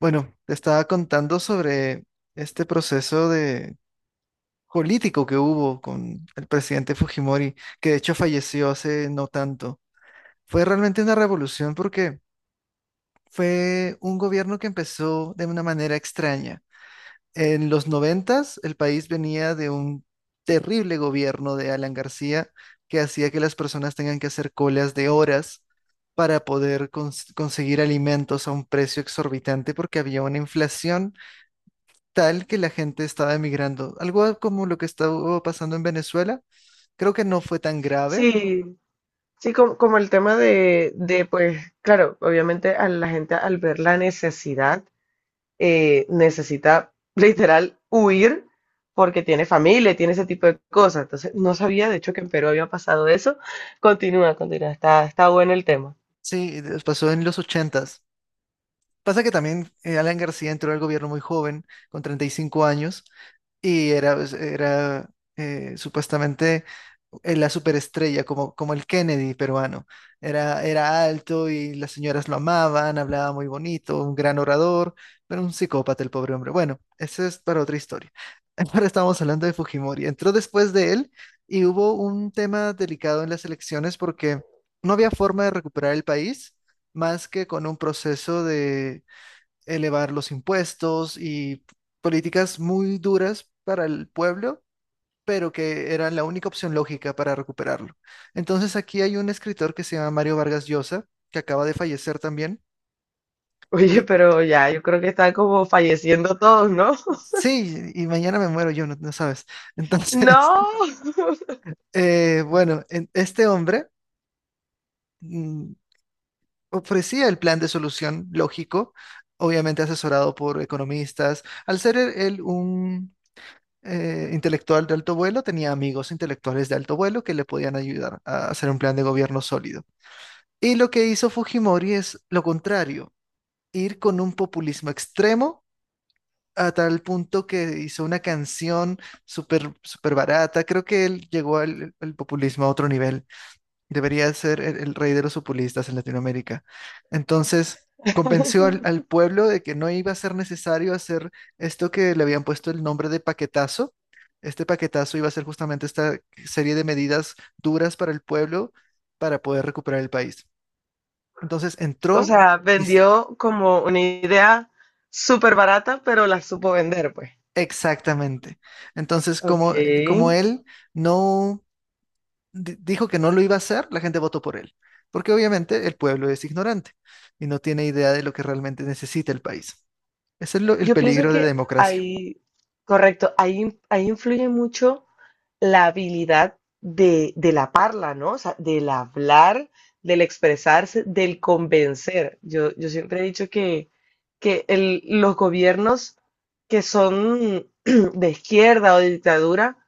Bueno, te estaba contando sobre este proceso de político que hubo con el presidente Fujimori, que de hecho falleció hace no tanto. Fue realmente una revolución porque fue un gobierno que empezó de una manera extraña. En los noventas, el país venía de un terrible gobierno de Alan García que hacía que las personas tengan que hacer colas de horas para poder conseguir alimentos a un precio exorbitante porque había una inflación tal que la gente estaba emigrando. Algo como lo que estaba pasando en Venezuela. Creo que no fue tan grave. Sí, sí, como el tema pues, claro, obviamente a la gente al ver la necesidad, necesita literal huir porque tiene familia, tiene ese tipo de cosas. Entonces, no sabía, de hecho, que en Perú había pasado eso. Continúa, continúa, está bueno el tema. Sí, pasó en los ochentas. Pasa que también Alan García entró al gobierno muy joven, con 35 años, y era, pues, era supuestamente la superestrella, como el Kennedy peruano. Era alto y las señoras lo amaban, hablaba muy bonito, un gran orador, pero un psicópata el pobre hombre. Bueno, eso es para otra historia. Ahora estamos hablando de Fujimori. Entró después de él y hubo un tema delicado en las elecciones porque no había forma de recuperar el país más que con un proceso de elevar los impuestos y políticas muy duras para el pueblo, pero que eran la única opción lógica para recuperarlo. Entonces aquí hay un escritor que se llama Mario Vargas Llosa, que acaba de fallecer también. Oye, Y pero ya, yo creo que están como falleciendo todos, ¿no? sí, y mañana me muero yo, no, no sabes. Entonces, No, bueno, este hombre mm, ofrecía el plan de solución lógico, obviamente asesorado por economistas. Al ser él un intelectual de alto vuelo tenía amigos intelectuales de alto vuelo que le podían ayudar a hacer un plan de gobierno sólido. Y lo que hizo Fujimori es lo contrario, ir con un populismo extremo a tal punto que hizo una canción súper súper barata. Creo que él llegó al populismo a otro nivel. Debería ser el rey de los populistas en Latinoamérica. Entonces, convenció al pueblo de que no iba a ser necesario hacer esto que le habían puesto el nombre de paquetazo. Este paquetazo iba a ser justamente esta serie de medidas duras para el pueblo para poder recuperar el país. Entonces, o entró, sea, dis- vendió como una idea súper barata, pero la supo vender, pues. exactamente. Entonces, Ok. Como él no... dijo que no lo iba a hacer, la gente votó por él, porque obviamente el pueblo es ignorante y no tiene idea de lo que realmente necesita el país. Ese es el Yo pienso peligro de la que democracia. ahí, correcto, ahí influye mucho la habilidad de la parla, ¿no? O sea, del hablar, del expresarse, del convencer. Yo siempre he dicho que los gobiernos que son de izquierda o de dictadura,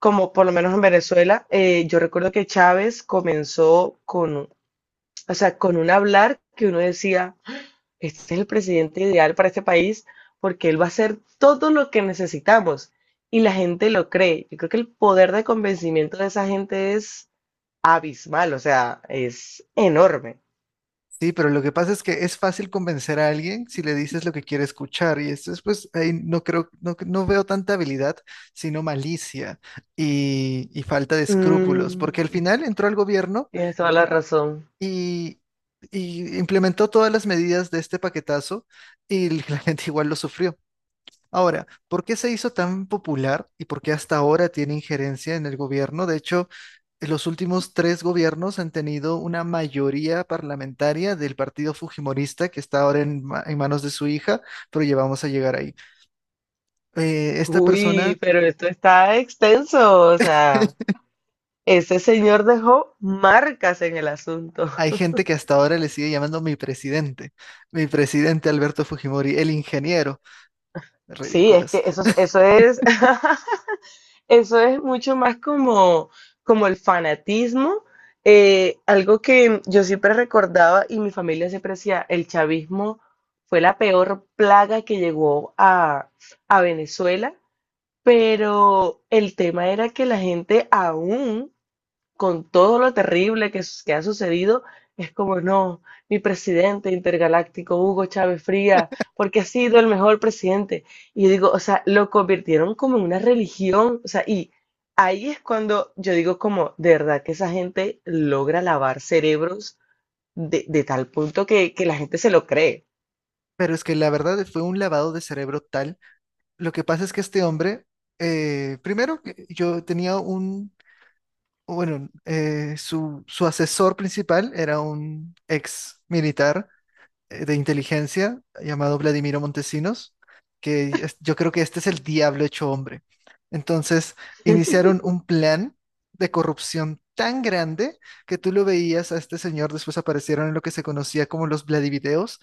como por lo menos en Venezuela, yo recuerdo que Chávez comenzó con, o sea, con un hablar que uno decía este es el presidente ideal para este país porque él va a hacer todo lo que necesitamos y la gente lo cree. Yo creo que el poder de convencimiento de esa gente es abismal, o sea, es enorme. Sí, pero lo que pasa es que es fácil convencer a alguien si le dices lo que quiere escuchar y esto es pues ahí no creo, no, no veo tanta habilidad, sino malicia y falta de Mm, escrúpulos, porque al final entró al gobierno tienes toda la razón. y, y implementó todas las medidas de este paquetazo y la gente igual lo sufrió. Ahora, ¿por qué se hizo tan popular y por qué hasta ahora tiene injerencia en el gobierno? De hecho, en los últimos tres gobiernos han tenido una mayoría parlamentaria del partido fujimorista que está ahora en, en manos de su hija, pero ya vamos a llegar ahí. Esta Uy, persona, pero esto está extenso, o sea, ese señor dejó marcas en el asunto. hay gente que hasta ahora le sigue llamando mi presidente Alberto Fujimori, el ingeniero. Sí, es Ridículos. que eso es eso es mucho más como el fanatismo. Algo que yo siempre recordaba y mi familia siempre decía, el chavismo fue la peor plaga que llegó a Venezuela, pero el tema era que la gente aún, con todo lo terrible que, que ha sucedido, es como, no, mi presidente intergaláctico, Hugo Chávez Frías, porque ha sido el mejor presidente. Y yo digo, o sea, lo convirtieron como en una religión, o sea, y es cuando yo digo como, de verdad que esa gente logra lavar cerebros de tal punto que la gente se lo cree. Pero es que la verdad fue un lavado de cerebro tal. Lo que pasa es que este hombre, primero, que yo tenía un, bueno, su, su asesor principal era un ex militar de inteligencia llamado Vladimiro Montesinos, que yo creo que este es el diablo hecho hombre. Entonces, iniciaron un plan de corrupción tan grande que tú lo veías a este señor, después aparecieron en lo que se conocía como los Vladivideos,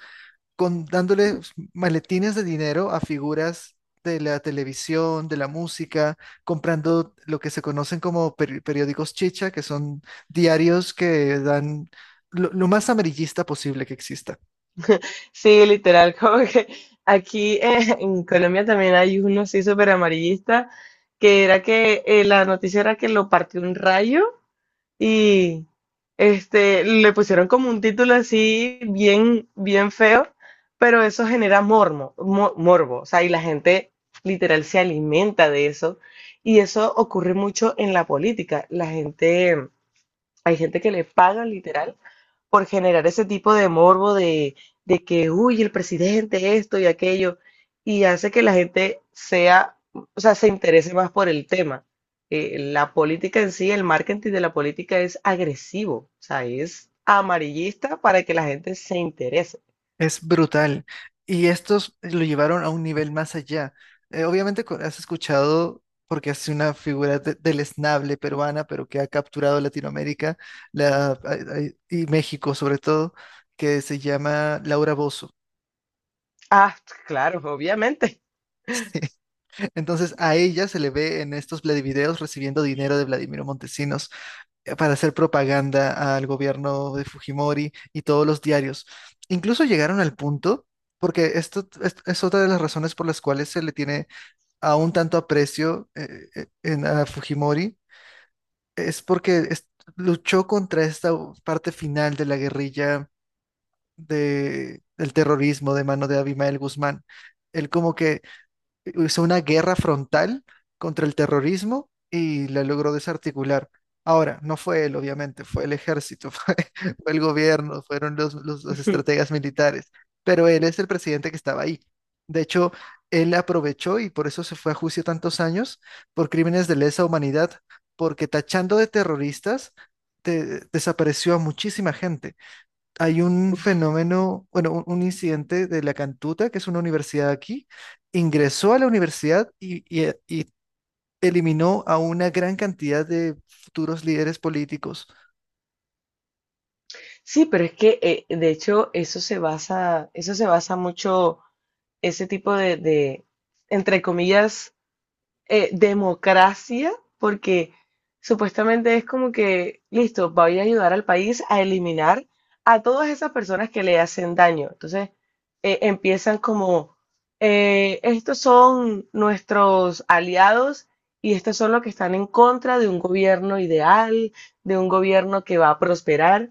con, dándole maletines de dinero a figuras de la televisión, de la música, comprando lo que se conocen como periódicos chicha, que son diarios que dan lo más amarillista posible que exista. Sí, literal, como que aquí en Colombia también hay uno así súper amarillista, que era que la noticia era que lo partió un rayo y este, le pusieron como un título así bien, bien feo, pero eso genera morbo, o sea, y la gente literal se alimenta de eso, y eso ocurre mucho en la política, la gente hay gente que le pagan literal por generar ese tipo de morbo de que, uy, el presidente, esto y aquello, y hace que la gente sea, o sea, se interese más por el tema. La política en sí, el marketing de la política es agresivo, o sea, es amarillista para que la gente se interese. Es brutal. Y estos lo llevaron a un nivel más allá. Obviamente has escuchado, porque es una figura del esnable peruana, pero que ha capturado Latinoamérica la, y México sobre todo, que se llama Laura Bozzo. Ah, claro, obviamente. Entonces a ella se le ve en estos Vladivideos recibiendo dinero de Vladimiro Montesinos, para hacer propaganda al gobierno de Fujimori y todos los diarios. Incluso llegaron al punto, porque esto es otra de las razones por las cuales se le tiene aún tanto aprecio en, a Fujimori, es porque luchó contra esta parte final de la guerrilla de, del terrorismo de mano de Abimael Guzmán. Él como que hizo una guerra frontal contra el terrorismo y la logró desarticular. Ahora, no fue él, obviamente, fue el ejército, fue, fue el gobierno, fueron los, los estrategas militares, pero él es el presidente que estaba ahí. De hecho, él aprovechó y por eso se fue a juicio tantos años por crímenes de lesa humanidad, porque tachando de terroristas, desapareció a muchísima gente. Hay un fenómeno, bueno, un incidente de la Cantuta, que es una universidad aquí, ingresó a la universidad y, y eliminó a una gran cantidad de futuros líderes políticos. Sí, pero es que de hecho eso se basa mucho, ese tipo entre comillas, democracia, porque supuestamente es como que, listo, voy a ayudar al país a eliminar a todas esas personas que le hacen daño. Entonces, empiezan como, estos son nuestros aliados y estos son los que están en contra de un gobierno ideal, de un gobierno que va a prosperar.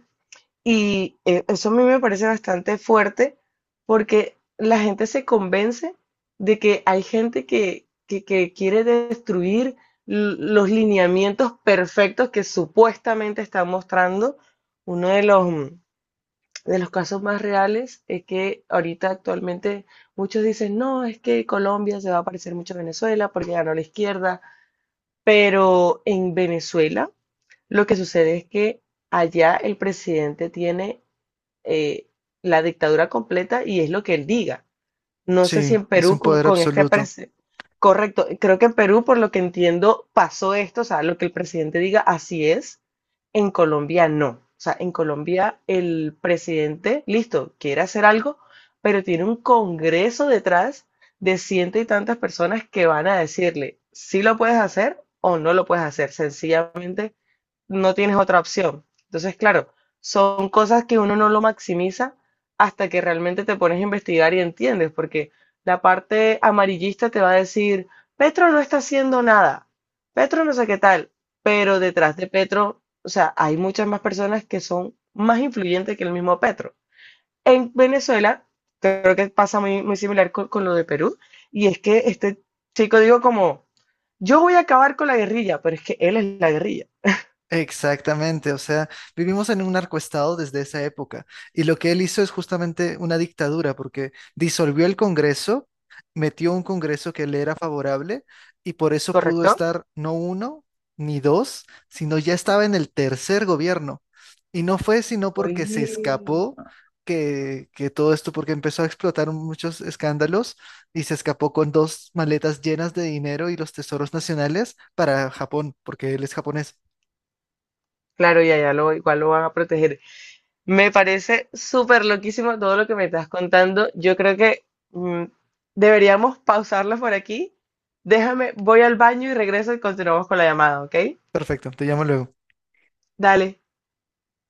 Y eso a mí me parece bastante fuerte porque la gente se convence de que hay gente que quiere destruir los lineamientos perfectos que supuestamente están mostrando. Uno de los casos más reales es que ahorita actualmente muchos dicen, no, es que Colombia se va a parecer mucho a Venezuela porque ganó la izquierda, pero en Venezuela lo que sucede es que allá el presidente tiene eh, la dictadura completa y es lo que él diga. No sé si Sí, en es Perú un con, poder con este absoluto. Correcto, creo que en Perú, por lo que entiendo, pasó esto, o sea, lo que el presidente diga, así es. En Colombia no. O sea, en Colombia el presidente, listo, quiere hacer algo, pero tiene un congreso detrás de ciento y tantas personas que van a decirle si lo puedes hacer o no lo puedes hacer. Sencillamente no tienes otra opción. Entonces, claro, son cosas que uno no lo maximiza hasta que realmente te pones a investigar y entiendes, porque la parte amarillista te va a decir, Petro no está haciendo nada, Petro no sé qué tal, pero detrás de Petro, o sea, hay muchas más personas que son más influyentes que el mismo Petro. En Venezuela, creo que pasa muy, muy similar con lo de Perú, y es que este chico digo como, yo voy a acabar con la guerrilla, pero es que él es la guerrilla, Exactamente, o sea, vivimos en un narcoestado desde esa época y lo que él hizo es justamente una dictadura porque disolvió el Congreso, metió un Congreso que le era favorable y por eso pudo ¿correcto? estar no uno ni dos, sino ya estaba en el tercer gobierno. Y no fue sino porque se Oye, escapó que todo esto, porque empezó a explotar muchos escándalos y se escapó con dos maletas llenas de dinero y los tesoros nacionales para Japón, porque él es japonés. claro, ya, ya igual lo van a proteger. Me parece súper loquísimo todo lo que me estás contando. Yo creo que mm, deberíamos pausarlo por aquí. Déjame, voy al baño y regreso y continuamos con la llamada, ¿ok? Perfecto, te llamo luego. Dale.